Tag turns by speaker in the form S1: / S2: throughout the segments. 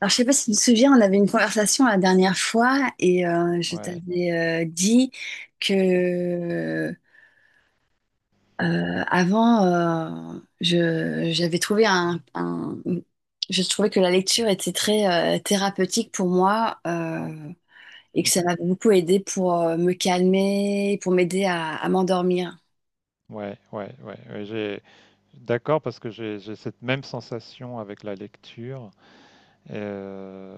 S1: Alors, je sais pas si tu te souviens, on avait une conversation la dernière fois et je
S2: Ouais.
S1: t'avais dit que avant, j'avais trouvé je trouvais que la lecture était très thérapeutique pour moi et que ça
S2: Mhm.
S1: m'avait beaucoup aidé pour me calmer, pour m'aider à m'endormir.
S2: Ouais, ouais, ouais, ouais, j'ai d'accord parce que j'ai cette même sensation avec la lecture, euh,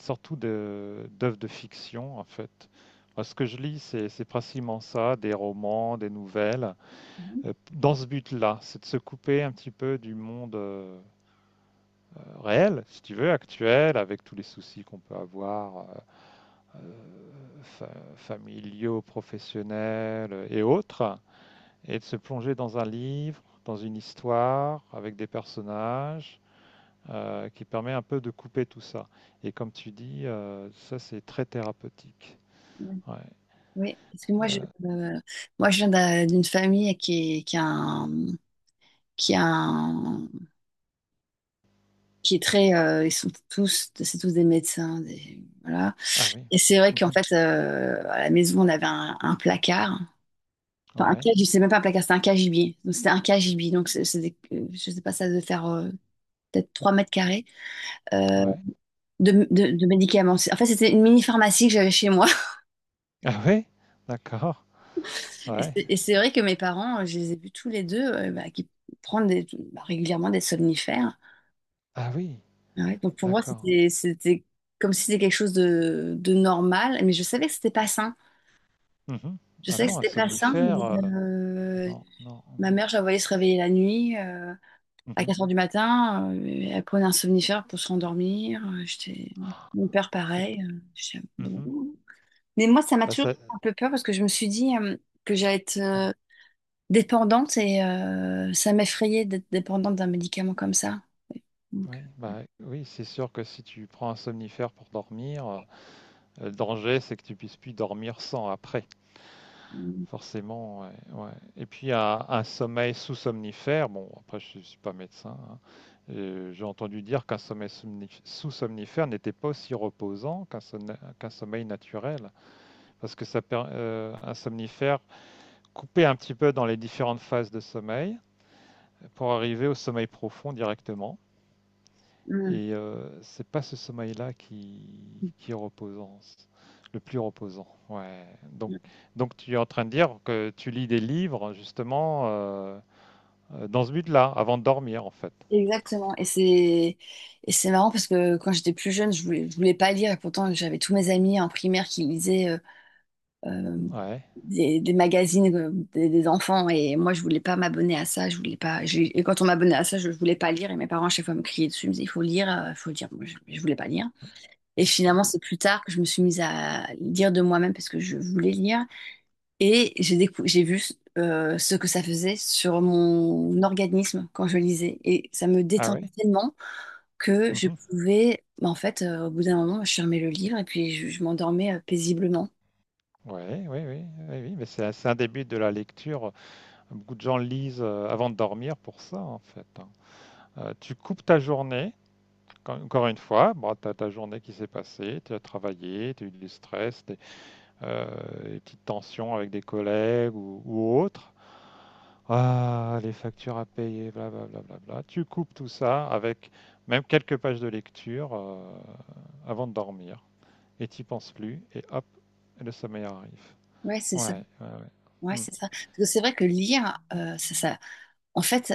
S2: surtout de d'œuvres de fiction en fait. Moi, ce que je lis, c'est principalement ça, des romans, des nouvelles,
S1: Mhm.
S2: dans ce but-là, c'est de se couper un petit peu du monde réel, si tu veux, actuel, avec tous les soucis qu'on peut avoir, euh, fa- familiaux, professionnels et autres. Et de se plonger dans un livre, dans une histoire, avec des personnages, qui permet un peu de couper tout ça. Et comme tu dis, ça c'est très thérapeutique. Ouais.
S1: Oui, parce que
S2: Euh,
S1: euh, moi, je viens d'une famille qui a qui a qui est très, ils sont tous, c'est tous des médecins, voilà.
S2: ah oui.
S1: Et c'est vrai qu'en
S2: Mhm.
S1: fait, à la maison, on avait un placard. Enfin, un
S2: Ouais.
S1: cage, c'est même pas un placard, c'est un cagibier. Donc, c'était un cagibi. Donc, c'est je sais pas, ça devait faire peut-être 3 mètres carrés euh,
S2: Ouais.
S1: de, de médicaments. En fait, c'était une mini-pharmacie que j'avais chez moi.
S2: Ah oui. D'accord.
S1: Et
S2: Ouais.
S1: c'est et c'est vrai que mes parents, je les ai vus tous les deux bah, qui prennent des- bah, régulièrement des somnifères.
S2: Ah oui.
S1: Ouais. Donc, pour moi,
S2: D'accord.
S1: c'était comme si c'était quelque chose de normal. Mais je savais que c'était pas sain.
S2: Mhm.
S1: Je
S2: Ah
S1: sais que
S2: non, un
S1: c'était pas simple,
S2: somnifère.
S1: mais euh,
S2: Non, non,
S1: ma
S2: non.
S1: mère, je la voyais se réveiller la nuit à
S2: Mhm.
S1: 4 heures du matin. Elle prenait un somnifère pour se rendormir. J'étais... Mon père,
S2: C'est.
S1: pareil.
S2: p-
S1: J'étais, bon.
S2: Mhm.
S1: Mais moi, ça m'a
S2: Bah
S1: toujours
S2: ça.
S1: fait un peu peur parce que je me suis dit que j'allais être
S2: Ah,
S1: dépendante et ça m'effrayait d'être dépendante d'un médicament comme ça. Donc,
S2: ouais, bah oui, c'est sûr que si tu prends un somnifère pour dormir, le danger, c'est que tu puisses plus dormir sans après,
S1: euh,
S2: forcément. Ouais, ouais. Et puis un sommeil sous-somnifère, bon, après je ne suis pas médecin, hein. J'ai entendu dire qu'un sommeil sous-somnifère n'était pas aussi reposant qu'un sommeil naturel, parce que un somnifère coupait un petit peu dans les différentes phases de sommeil pour arriver au sommeil profond directement.
S1: mm.
S2: Et c'est pas ce sommeil-là qui est reposant, le plus reposant. Ouais. Donc, tu es en train de dire que tu lis des livres justement dans ce but-là, avant de dormir en fait.
S1: Exactement. Et c'est marrant parce que quand j'étais plus jeune, je voulais pas lire et pourtant j'avais tous mes amis en primaire qui lisaient euh,
S2: Ouais.
S1: des magazines des enfants et moi je voulais pas m'abonner à ça, je voulais pas et quand on m'abonnait à ça je voulais pas lire et mes parents à chaque fois me criaient dessus, ils me disaient il faut lire, il faut lire, moi je voulais pas lire et
S2: Il faut
S1: finalement
S2: lire.
S1: c'est plus tard que je me suis mise à lire de moi-même parce que je voulais lire et j'ai vu ce que ça faisait sur mon organisme quand je lisais et ça me
S2: Ah
S1: détendait
S2: ouais.
S1: tellement que je
S2: Mhm.
S1: pouvais bah, en fait au bout d'un moment je fermais le livre et puis je m'endormais paisiblement.
S2: Ouais, oui, oui, oui, oui, mais c'est un début de la lecture. Beaucoup de gens lisent avant de dormir pour ça, en fait, hein. Tu coupes ta journée, encore une fois, bon, tu as ta journée qui s'est passée, tu as travaillé, tu as eu du stress, tu des petites tensions avec des collègues ou autres. Ah, les factures à payer, blablabla. Bla, bla, bla. Tu coupes tout ça avec même quelques pages de lecture avant de dormir. Et t'y penses plus, et hop, le sommeil arrive.
S1: Ouais, c'est
S2: Ouais,
S1: ça.
S2: ouais,
S1: Ouais,
S2: ouais. Mm,
S1: c'est ça. Parce que c'est vrai que lire, en fait,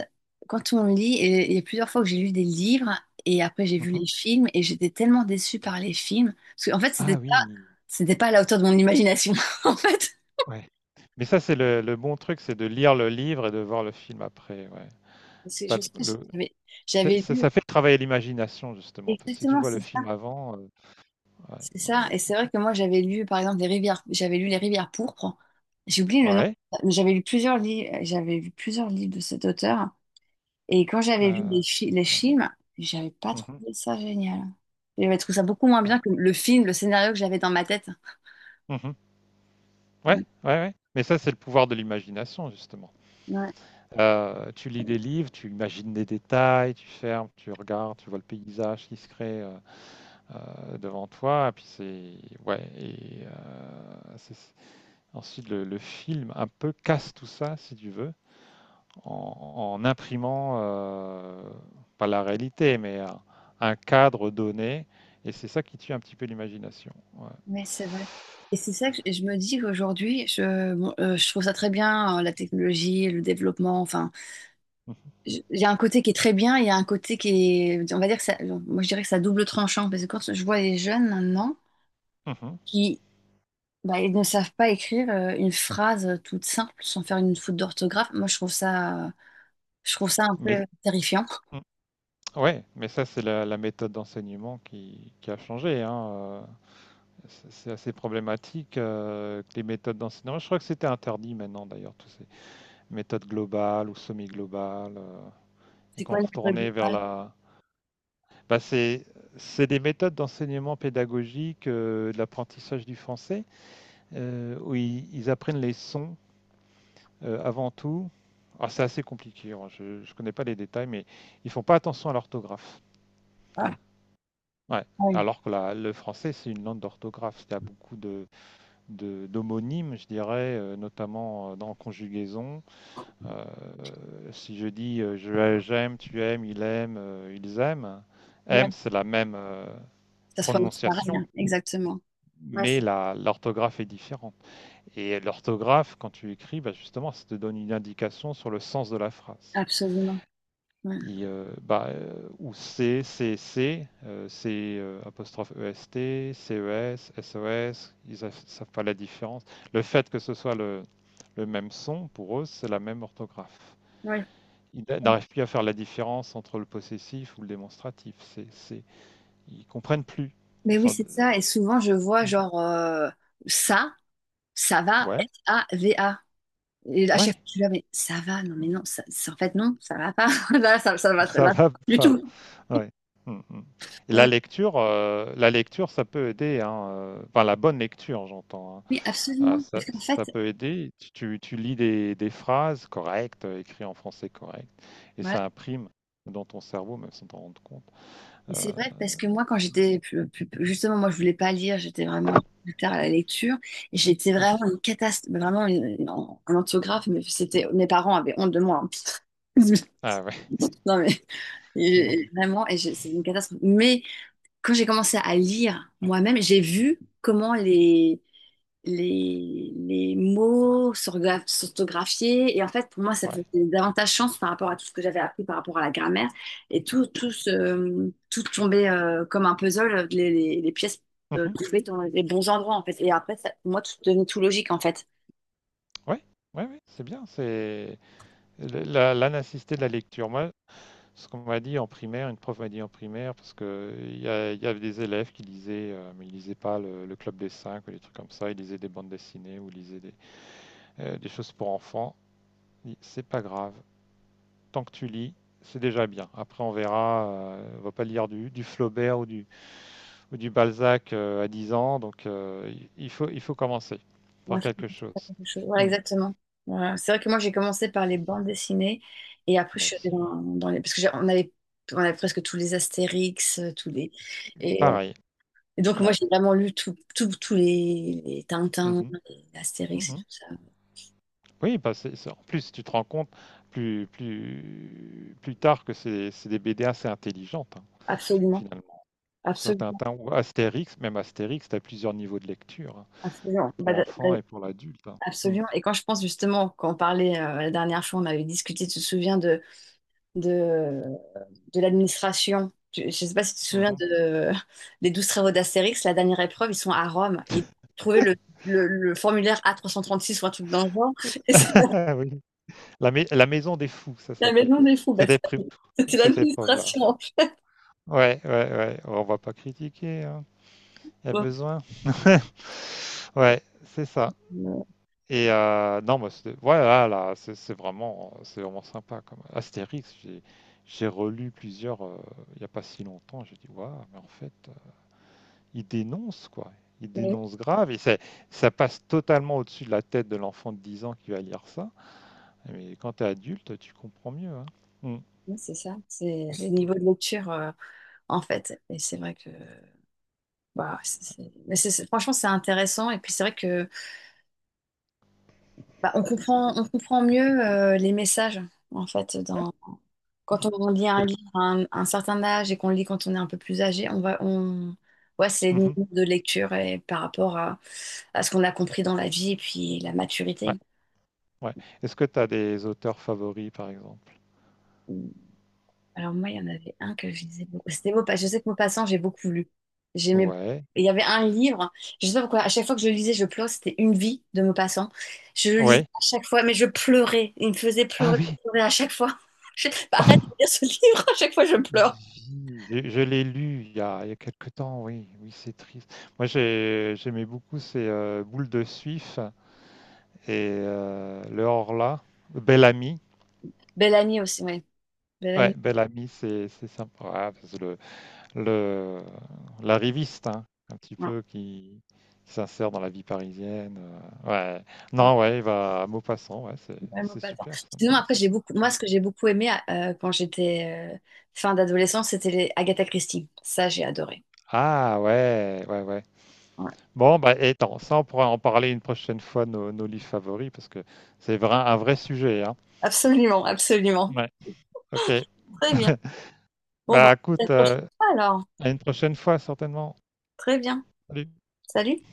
S1: quand on lit, et il y a plusieurs fois que j'ai lu des livres et après j'ai vu
S2: mhm.
S1: les films et j'étais tellement déçue par les films. Parce qu'en fait,
S2: Ah oui,
S1: c'était pas à la hauteur de mon imagination, en fait.
S2: ouais. Mais ça, c'est le bon truc, c'est de lire le livre et de voir le film après. Ouais.
S1: Parce que je
S2: Pas
S1: me
S2: le,
S1: souviens,
S2: le- c'est-
S1: j'avais
S2: ça,
S1: lu,
S2: ça fait travailler l'imagination, justement. Parce que si tu
S1: exactement,
S2: vois
S1: c'est
S2: le
S1: ça.
S2: film avant, ouais,
S1: C'est
S2: non.
S1: ça. Et c'est vrai que moi, j'avais lu, par exemple, j'avais lu Les Rivières pourpres. J'ai oublié le nom,
S2: Ouais.
S1: mais j'avais lu plusieurs livres, j'avais lu plusieurs livres de cet auteur. Et quand j'avais vu
S2: Heu,
S1: les
S2: je Ouais.
S1: films, j'avais pas
S2: Mmh.
S1: trouvé ça génial. J'avais trouvé ça beaucoup moins
S2: Ah.
S1: bien que le film, le scénario que j'avais dans ma tête.
S2: Mmh. Ouais,
S1: Ouais,
S2: ouais, ouais. Mais ça, c'est le pouvoir de l'imagination justement.
S1: ouais,
S2: Tu lis des livres, tu imagines des détails, tu fermes, tu regardes, tu vois le paysage qui se crée, devant toi et puis c'est ouais, c'est ensuite le film un peu casse tout ça si tu veux en imprimant, pas la réalité mais un cadre donné et c'est ça qui tue un petit peu l'imagination, ouais.
S1: ouais, c'est vrai. Et c'est ça que je me dis qu'aujourd'hui, je, bon, je trouve ça très bien, la technologie, le développement. Enfin,
S2: Mmh, mh.
S1: il y a un côté qui est très bien, il y a un côté qui est, on va dire que ça, moi je dirais que ça double tranchant parce que quand je vois les jeunes maintenant
S2: Mmh.
S1: qui bah, ils ne savent pas écrire une phrase toute simple sans faire une faute d'orthographe, moi je trouve ça un peu
S2: Mais
S1: terrifiant.
S2: mm, ouais, mais ça c'est la méthode d'enseignement qui a changé, hein. C'est assez problématique que les méthodes d'enseignement. Je crois que c'était interdit maintenant d'ailleurs, toutes ces méthodes globales ou semi-globales, et
S1: C'est
S2: qu'on
S1: quoi le code
S2: retournait vers
S1: rural?
S2: la. Bah, c'est des méthodes d'enseignement pédagogique, de l'apprentissage du français, où ils apprennent les sons avant tout. Alors, c'est assez compliqué, hein, je ne connais pas les détails, mais ils font pas attention à l'orthographe.
S1: Ah,
S2: Ouais,
S1: ouais.
S2: alors que le français, c'est une langue d'orthographe. Il y a beaucoup d'homonymes, je dirais, notamment dans conjugaison. Euh, Si je dis j'aime, tu aimes, il aime, ils aiment,
S1: Ouais.
S2: aime, c'est la même
S1: Ça se prononce pareil,
S2: prononciation,
S1: hein. Exactement. Ouais,
S2: mais
S1: c'est-
S2: l'orthographe est différente. Et l'orthographe, quand tu écris, bah, justement, ça te donne une indication sur le sens de la phrase.
S1: absolument. Ouais.
S2: Bah, ou C, C, C, C apostrophe E s, CES, s, S O S, ils ne savent pas la différence. Le fait que ce soit le même son, pour eux, c'est la même orthographe.
S1: Ouais.
S2: Ils n'arrivent plus à faire la différence entre le possessif ou le démonstratif. Ils comprennent plus.
S1: Mais
S2: Ils
S1: oui,
S2: sont-
S1: c'est ça. Et souvent, je vois
S2: Mm.
S1: genre ça, ça va,
S2: Ouais,
S1: S-A-V-A. Et à chaque fois,
S2: ouais,
S1: je suis là, mais ça va, non, mais non, en fait, non, ça va pas. Là, ça va très
S2: ça
S1: là,
S2: va
S1: du
S2: pas.
S1: tout.
S2: Ouais. Mm, mm. Et
S1: Non,
S2: la
S1: mais
S2: lecture, euh, la lecture, ça peut aider, hein. Enfin, la bonne lecture, j'entends, hein.
S1: oui,
S2: Ah,
S1: absolument.
S2: ça,
S1: Parce qu'en fait,
S2: ça peut aider. Tu lis des phrases correctes, écrites en français correct, et
S1: voilà,
S2: ça imprime dans ton cerveau, même sans t'en rendre compte.
S1: mais c'est
S2: Euh,
S1: vrai parce que moi, quand j'étais justement, moi, je voulais pas lire, j'étais vraiment plus tard à la lecture. Et j'étais vraiment
S2: mhm.
S1: une catastrophe, vraiment un orthographe. Mais c'était, mes parents avaient honte de moi. Hein.
S2: Ah ouais,
S1: Non mais
S2: mon
S1: et
S2: Dieu.
S1: vraiment, et c'est une catastrophe. Mais quand j'ai commencé à lire moi-même, j'ai vu comment les mots s'orthographier. Et en fait, pour moi, ça
S2: Ouais.
S1: faisait davantage chance par rapport à tout ce que j'avais appris par rapport à la grammaire. Et tout tombait comme un puzzle, les pièces
S2: Mhm.
S1: tombaient dans les bons endroits, en fait. Et après, ça, pour moi, tout devenait tout logique, en fait.
S2: Ouais, ouais, ouais, c'est bien. C'est l'anacité de la lecture. Moi, ce qu'on m'a dit en primaire, une prof m'a dit en primaire, parce que il y avait des élèves qui lisaient, mais ils lisaient pas le Club des Cinq ou des trucs comme ça. Ils lisaient des bandes dessinées ou ils lisaient des choses pour enfants. C'est pas grave, tant que tu lis, c'est déjà bien. Après, on verra. On va pas lire du Flaubert ou ou du Balzac à 10 ans. Donc, il faut commencer
S1: Moi,
S2: par
S1: je pense
S2: quelque
S1: que c'est
S2: chose.
S1: la même chose. Voilà,
S2: Hmm.
S1: exactement. Voilà. C'est vrai que moi, j'ai commencé par les bandes dessinées. Et après, je
S2: Moi
S1: suis allée
S2: aussi. Ouais.
S1: dans, dans les... Parce que on avait presque tous les Astérix, tous les... Et
S2: Pareil.
S1: Et donc, moi,
S2: Ouais.
S1: j'ai vraiment lu tous les Tintin,
S2: Mhm.
S1: les Astérix et tout
S2: Mhm.
S1: ça.
S2: Oui, bah, en plus, tu te rends compte plus tard que c'est des BD assez intelligentes, hein,
S1: Absolument,
S2: finalement. Que ce soit
S1: absolument,
S2: Tintin ou Astérix, même Astérix, tu as plusieurs niveaux de lecture, hein,
S1: absolument.
S2: pour
S1: Bah,
S2: l'enfant et pour l'adulte, hein. Hmm.
S1: absolument. Et quand je pense justement, quand on parlait la dernière fois, on avait discuté, tu te souviens de, de l'administration. Tu- Je ne sais pas si tu te souviens
S2: Mhm.
S1: de, des 12 travaux d'Astérix, la dernière épreuve, ils sont à Rome. Et trouver le formulaire A336 ou un truc dans le genre, et c'est la,
S2: Oui. La maison des fous, ça
S1: la
S2: s'appelait.
S1: maison des fous.
S2: Cette épreuve
S1: C'était
S2: Cette épreuve-là.
S1: l'administration.
S2: Ouais, ouais, ouais, on va pas critiquer, hein, il y a
S1: Bon,
S2: besoin. Ouais, c'est ça. Et non, moi, c'était voilà, là, c'est vraiment sympa comme Astérix, j'ai relu plusieurs, il n'y a pas si longtemps, j'ai dit: «Waouh, mais en fait, il dénonce quoi, il
S1: euh,
S2: dénonce grave» et c'est ça passe totalement au-dessus de la tête de l'enfant de 10 ans qui va lire ça, mais quand tu es adulte, tu comprends mieux, hein. Mmh,
S1: oui, c'est ça, c'est le niveau de lecture en fait. Et c'est vrai que bah, mais franchement c'est intéressant. Et puis c'est vrai que bah, on comprend mieux les messages en fait. Dans,
S2: ouais.
S1: quand on lit un livre à un certain âge et qu'on le lit quand on est un peu plus âgé, ouais, c'est les niveaux
S2: Mmh.
S1: de lecture et par rapport à ce qu'on a compris dans la vie et puis la
S2: Ouais,
S1: maturité.
S2: ouais. Est-ce que tu as des auteurs favoris, par exemple?
S1: Alors moi, il y en avait un que je lisais beaucoup. C'était Maupassant. Je sais que Maupassant, j'ai beaucoup lu. J'aimais beaucoup.
S2: Ouais,
S1: Et il y avait un livre, je sais pas pourquoi, à chaque fois que je le lisais, je pleurais, c'était Une vie de Maupassant. Je le lisais
S2: ouais.
S1: à chaque fois, mais je pleurais. Il me faisait
S2: Ah
S1: pleurer,
S2: oui!
S1: je pleurais à chaque fois.
S2: Ah,
S1: Arrête
S2: Vie.
S1: de lire ce livre, à chaque fois je pleure.
S2: Je l'ai lu il y a quelque temps, oui, oui, c'est triste. Moi, j'aimais beaucoup, ces Boule de Suif et Le Horla, Bel Ami.
S1: Bellamy aussi, oui.
S2: Ouais,
S1: Bellamy,
S2: Bel Ami, c'est sympa. Ah, parce que le l'arriviste, hein, un petit
S1: voilà.
S2: peu qui s'insère dans la vie parisienne. euh, ouais.
S1: Ouais,
S2: Non, ouais, il va à Maupassant, ouais, c'est
S1: Maupassant.
S2: super ça,
S1: Sinon, après,
S2: Maupassant.
S1: j'ai beaucoup, moi,
S2: Ouais.
S1: ce que j'ai beaucoup aimé quand j'étais fin d'adolescence, c'était les Agatha Christie. Ça, j'ai adoré.
S2: Ah ouais, ouais, ouais.
S1: Ouais.
S2: Bon, bah et attends, ça on pourra en parler une prochaine fois, nos livres favoris, parce que c'est vrai, un vrai sujet, hein.
S1: Absolument, absolument.
S2: Ouais, ok.
S1: Très bien. Bon, bah,
S2: Bah
S1: à la
S2: écoute,
S1: prochaine fois alors.
S2: à une prochaine fois certainement.
S1: Très bien.
S2: Salut.
S1: Salut.